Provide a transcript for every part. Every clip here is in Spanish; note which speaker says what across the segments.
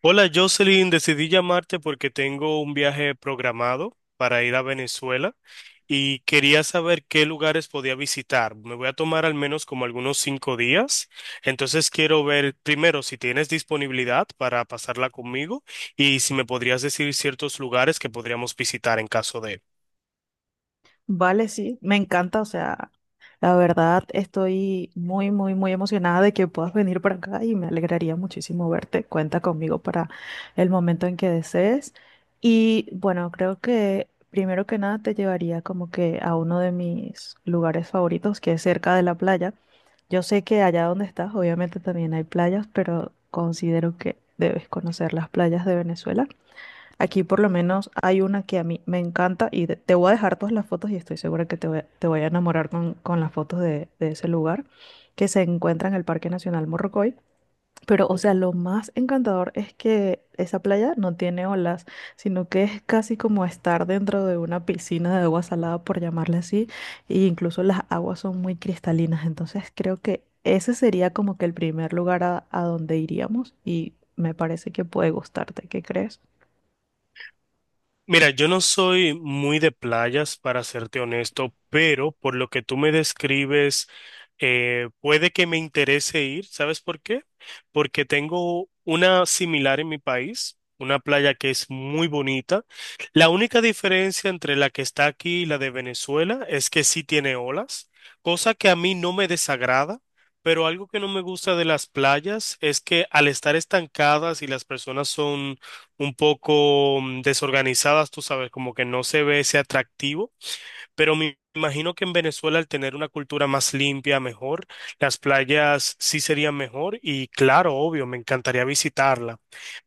Speaker 1: Hola Jocelyn, decidí llamarte porque tengo un viaje programado para ir a Venezuela y quería saber qué lugares podía visitar. Me voy a tomar al menos como algunos 5 días, entonces quiero ver primero si tienes disponibilidad para pasarla conmigo y si me podrías decir ciertos lugares que podríamos visitar en caso de.
Speaker 2: Vale, sí, me encanta, o sea, la verdad estoy muy emocionada de que puedas venir para acá y me alegraría muchísimo verte. Cuenta conmigo para el momento en que desees. Y bueno, creo que primero que nada te llevaría como que a uno de mis lugares favoritos, que es cerca de la playa. Yo sé que allá donde estás, obviamente también hay playas, pero considero que debes conocer las playas de Venezuela. Aquí por lo menos hay una que a mí me encanta y te voy a dejar todas las fotos y estoy segura que te voy a enamorar con las fotos de ese lugar que se encuentra en el Parque Nacional Morrocoy. Pero, o sea, lo más encantador es que esa playa no tiene olas, sino que es casi como estar dentro de una piscina de agua salada, por llamarle así, e incluso las aguas son muy cristalinas. Entonces creo que ese sería como que el primer lugar a donde iríamos y me parece que puede gustarte. ¿Qué crees?
Speaker 1: Mira, yo no soy muy de playas, para serte honesto, pero por lo que tú me describes puede que me interese ir, ¿sabes por qué? Porque tengo una similar en mi país, una playa que es muy bonita. La única diferencia entre la que está aquí y la de Venezuela es que sí tiene olas, cosa que a mí no me desagrada, pero algo que no me gusta de las playas es que al estar estancadas y las personas son un poco desorganizadas, tú sabes, como que no se ve ese atractivo. Pero me imagino que en Venezuela, al tener una cultura más limpia, mejor, las playas sí serían mejor y claro, obvio, me encantaría visitarla.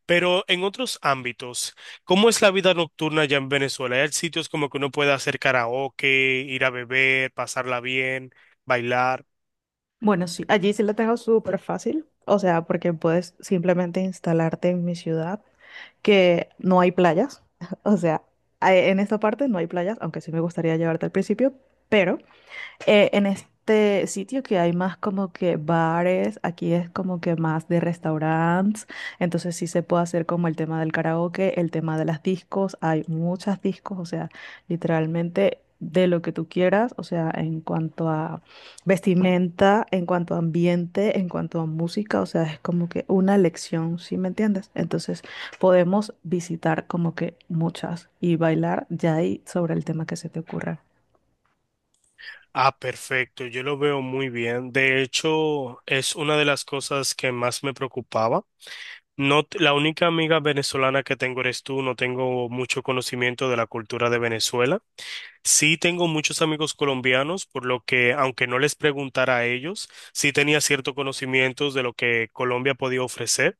Speaker 1: Pero en otros ámbitos, ¿cómo es la vida nocturna allá en Venezuela? ¿Hay sitios como que uno puede hacer karaoke, ir a beber, pasarla bien, bailar?
Speaker 2: Bueno, sí, allí sí la tengo súper fácil, o sea, porque puedes simplemente instalarte en mi ciudad, que no hay playas, o sea, en esta parte no hay playas, aunque sí me gustaría llevarte al principio, pero en este sitio que hay más como que bares, aquí es como que más de restaurantes, entonces sí se puede hacer como el tema del karaoke, el tema de las discos, hay muchas discos, o sea, literalmente de lo que tú quieras, o sea, en cuanto a vestimenta, en cuanto a ambiente, en cuanto a música, o sea, es como que una lección, ¿sí me entiendes? Entonces podemos visitar como que muchas y bailar ya ahí sobre el tema que se te ocurra.
Speaker 1: Ah, perfecto, yo lo veo muy bien. De hecho, es una de las cosas que más me preocupaba. No, la única amiga venezolana que tengo eres tú, no tengo mucho conocimiento de la cultura de Venezuela. Sí tengo muchos amigos colombianos, por lo que, aunque no les preguntara a ellos, sí tenía cierto conocimiento de lo que Colombia podía ofrecer.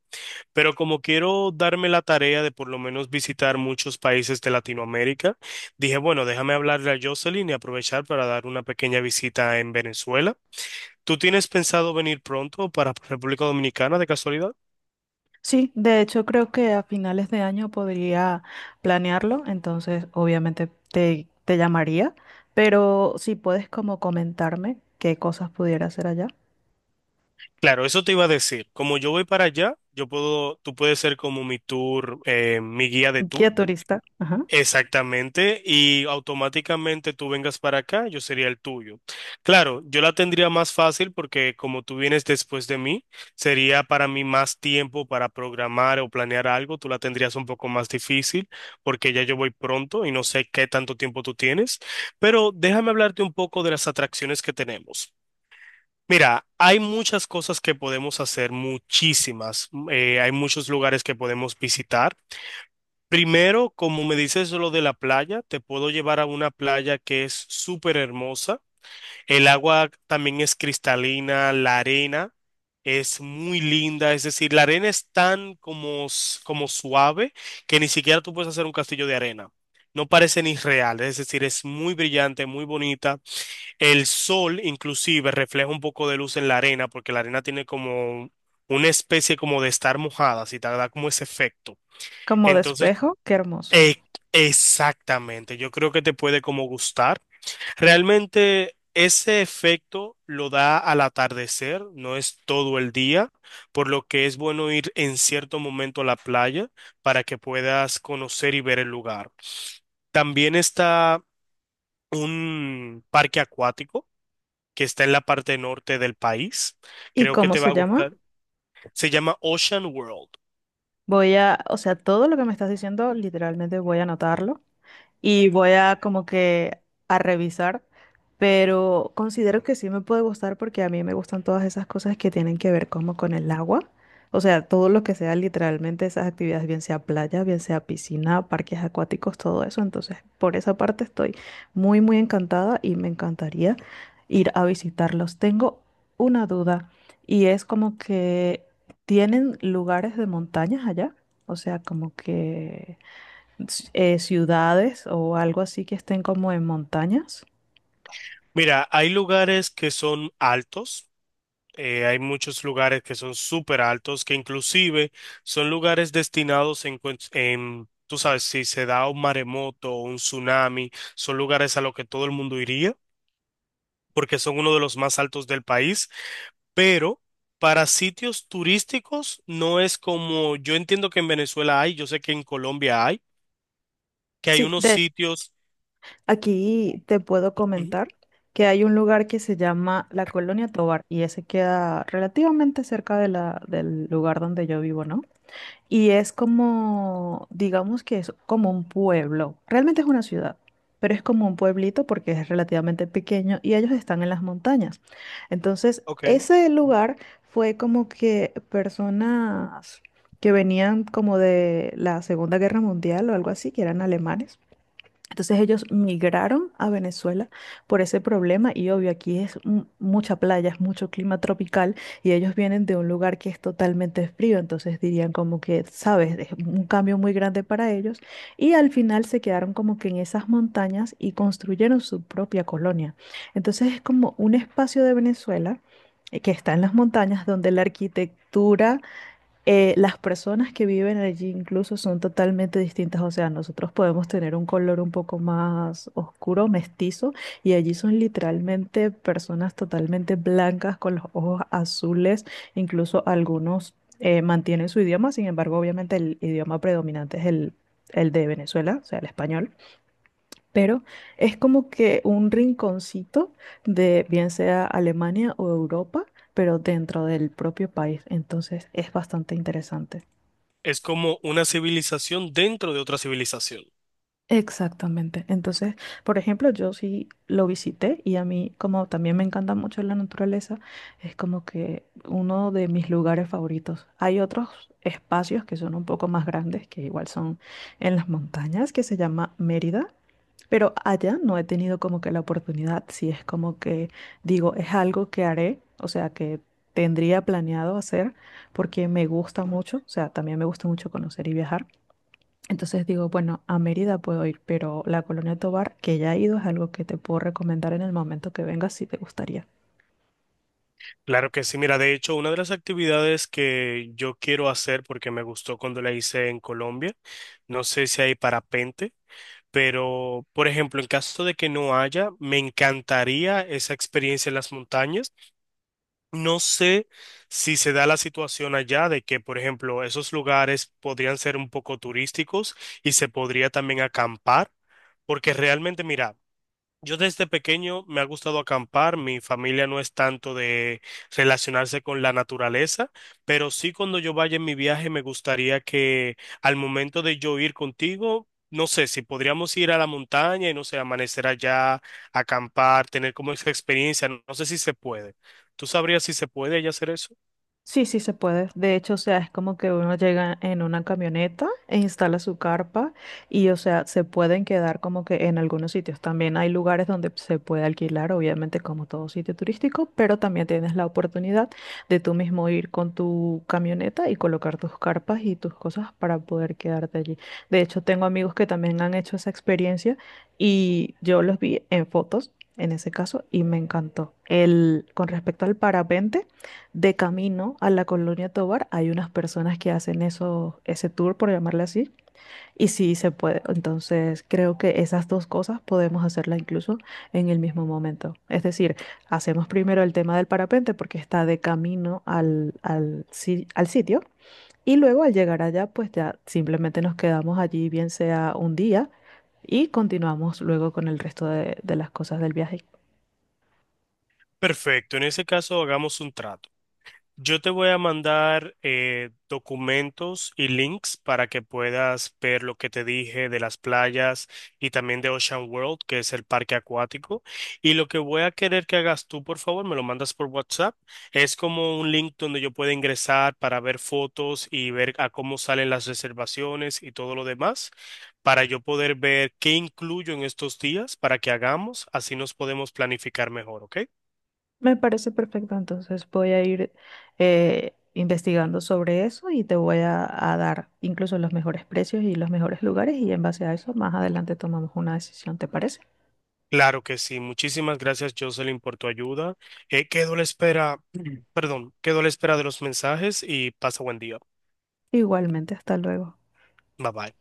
Speaker 1: Pero como quiero darme la tarea de por lo menos visitar muchos países de Latinoamérica, dije, bueno, déjame hablarle a Jocelyn y aprovechar para dar una pequeña visita en Venezuela. ¿Tú tienes pensado venir pronto para República Dominicana de casualidad?
Speaker 2: Sí, de hecho creo que a finales de año podría planearlo, entonces obviamente te llamaría, pero si puedes como comentarme qué cosas pudiera hacer allá.
Speaker 1: Claro, eso te iba a decir. Como yo voy para allá, yo puedo, tú puedes ser como mi tour, mi guía de tour.
Speaker 2: Guía turista, ajá,
Speaker 1: Exactamente, y automáticamente tú vengas para acá, yo sería el tuyo. Claro, yo la tendría más fácil porque como tú vienes después de mí, sería para mí más tiempo para programar o planear algo, tú la tendrías un poco más difícil porque ya yo voy pronto y no sé qué tanto tiempo tú tienes, pero déjame hablarte un poco de las atracciones que tenemos. Mira, hay muchas cosas que podemos hacer, muchísimas. Hay muchos lugares que podemos visitar. Primero, como me dices lo de la playa, te puedo llevar a una playa que es súper hermosa. El agua también es cristalina, la arena es muy linda, es decir, la arena es tan como suave que ni siquiera tú puedes hacer un castillo de arena. No parece ni real, es decir, es muy brillante, muy bonita. El sol inclusive refleja un poco de luz en la arena porque la arena tiene como una especie como de estar mojada, si te da como ese efecto.
Speaker 2: como
Speaker 1: Entonces
Speaker 2: despejo, qué hermoso.
Speaker 1: e- exactamente, yo creo que te puede como gustar. Realmente ese efecto lo da al atardecer, no es todo el día, por lo que es bueno ir en cierto momento a la playa para que puedas conocer y ver el lugar. También está un parque acuático que está en la parte norte del país.
Speaker 2: ¿Y
Speaker 1: Creo que
Speaker 2: cómo
Speaker 1: te va
Speaker 2: se
Speaker 1: a
Speaker 2: llama?
Speaker 1: gustar. Se llama Ocean World.
Speaker 2: Voy a, o sea, todo lo que me estás diciendo, literalmente voy a anotarlo y voy a como que a revisar, pero considero que sí me puede gustar porque a mí me gustan todas esas cosas que tienen que ver como con el agua. O sea, todo lo que sea literalmente esas actividades, bien sea playa, bien sea piscina, parques acuáticos, todo eso. Entonces, por esa parte estoy muy encantada y me encantaría ir a visitarlos. Tengo una duda y es como que tienen lugares de montañas allá. O sea, como que ciudades o algo así que estén como en montañas.
Speaker 1: Mira, hay lugares que son altos. Hay muchos lugares que son súper altos, que inclusive son lugares destinados en, tú sabes, si se da un maremoto o un tsunami, son lugares a los que todo el mundo iría, porque son uno de los más altos del país, pero para sitios turísticos no es como, yo entiendo que en Venezuela hay, yo sé que en Colombia hay, que hay
Speaker 2: Sí,
Speaker 1: unos
Speaker 2: de hecho,
Speaker 1: sitios.
Speaker 2: aquí te puedo
Speaker 1: Ujú.
Speaker 2: comentar que hay un lugar que se llama La Colonia Tovar y ese queda relativamente cerca de del lugar donde yo vivo, ¿no? Y es como, digamos que es como un pueblo. Realmente es una ciudad, pero es como un pueblito porque es relativamente pequeño y ellos están en las montañas. Entonces,
Speaker 1: Ok.
Speaker 2: ese
Speaker 1: Ujú.
Speaker 2: lugar fue como que personas que venían como de la Segunda Guerra Mundial o algo así, que eran alemanes, entonces ellos migraron a Venezuela por ese problema y obvio aquí es mucha playa, es mucho clima tropical y ellos vienen de un lugar que es totalmente frío, entonces dirían como que, sabes, es un cambio muy grande para ellos y al final se quedaron como que en esas montañas y construyeron su propia colonia. Entonces es como un espacio de Venezuela, que está en las montañas donde la arquitectura, las personas que viven allí incluso son totalmente distintas. O sea, nosotros podemos tener un color un poco más oscuro, mestizo, y allí son literalmente personas totalmente blancas con los ojos azules. Incluso algunos mantienen su idioma, sin embargo, obviamente el idioma predominante es el de Venezuela, o sea, el español. Pero es como que un rinconcito de bien sea Alemania o Europa, pero dentro del propio país, entonces es bastante interesante.
Speaker 1: Es como una civilización dentro de otra civilización.
Speaker 2: Exactamente. Entonces, por ejemplo, yo sí lo visité y a mí, como también me encanta mucho la naturaleza, es como que uno de mis lugares favoritos. Hay otros espacios que son un poco más grandes, que igual son en las montañas, que se llama Mérida, pero allá no he tenido como que la oportunidad, si es como que digo, es algo que haré, o sea, que tendría planeado hacer porque me gusta mucho, o sea, también me gusta mucho conocer y viajar, entonces digo, bueno, a Mérida puedo ir, pero la Colonia Tovar, que ya he ido, es algo que te puedo recomendar en el momento que vengas si te gustaría.
Speaker 1: Claro que sí, mira, de hecho, una de las actividades que yo quiero hacer porque me gustó cuando la hice en Colombia, no sé si hay parapente, pero por ejemplo, en caso de que no haya, me encantaría esa experiencia en las montañas. No sé si se da la situación allá de que, por ejemplo, esos lugares podrían ser un poco turísticos y se podría también acampar, porque realmente, mira, yo desde pequeño me ha gustado acampar, mi familia no es tanto de relacionarse con la naturaleza, pero sí cuando yo vaya en mi viaje me gustaría que al momento de yo ir contigo, no sé, si podríamos ir a la montaña y no sé, amanecer allá, acampar, tener como esa experiencia, no sé si se puede. ¿Tú sabrías si se puede ya hacer eso?
Speaker 2: Sí, sí se puede. De hecho, o sea, es como que uno llega en una camioneta e instala su carpa y, o sea, se pueden quedar como que en algunos sitios. También hay lugares donde se puede alquilar, obviamente, como todo sitio turístico, pero también tienes la oportunidad de tú mismo ir con tu camioneta y colocar tus carpas y tus cosas para poder quedarte allí. De hecho, tengo amigos que también han hecho esa experiencia y yo los vi en fotos. En ese caso, y me encantó. El, con respecto al parapente, de camino a la Colonia Tovar hay unas personas que hacen eso, ese tour, por llamarle así, y sí se puede. Entonces, creo que esas dos cosas podemos hacerlas incluso en el mismo momento. Es decir, hacemos primero el tema del parapente porque está de camino al, al, si- al sitio y luego al llegar allá, pues ya simplemente nos quedamos allí, bien sea un día, y continuamos luego con el resto de las cosas del viaje.
Speaker 1: Perfecto, en ese caso hagamos un trato. Yo te voy a mandar documentos y links para que puedas ver lo que te dije de las playas y también de Ocean World, que es el parque acuático. Y lo que voy a querer que hagas tú, por favor, me lo mandas por WhatsApp. Es como un link donde yo pueda ingresar para ver fotos y ver a cómo salen las reservaciones y todo lo demás, para yo poder ver qué incluyo en estos días para que hagamos, así nos podemos planificar mejor, ¿ok?
Speaker 2: Me parece perfecto, entonces voy a ir investigando sobre eso y te voy a dar incluso los mejores precios y los mejores lugares y en base a eso más adelante tomamos una decisión, ¿te parece?
Speaker 1: Claro que sí. Muchísimas gracias, Jocelyn, por tu ayuda. Quedo a la espera, perdón, quedo a la espera de los mensajes y pasa buen día.
Speaker 2: Igualmente, hasta luego.
Speaker 1: Bye bye.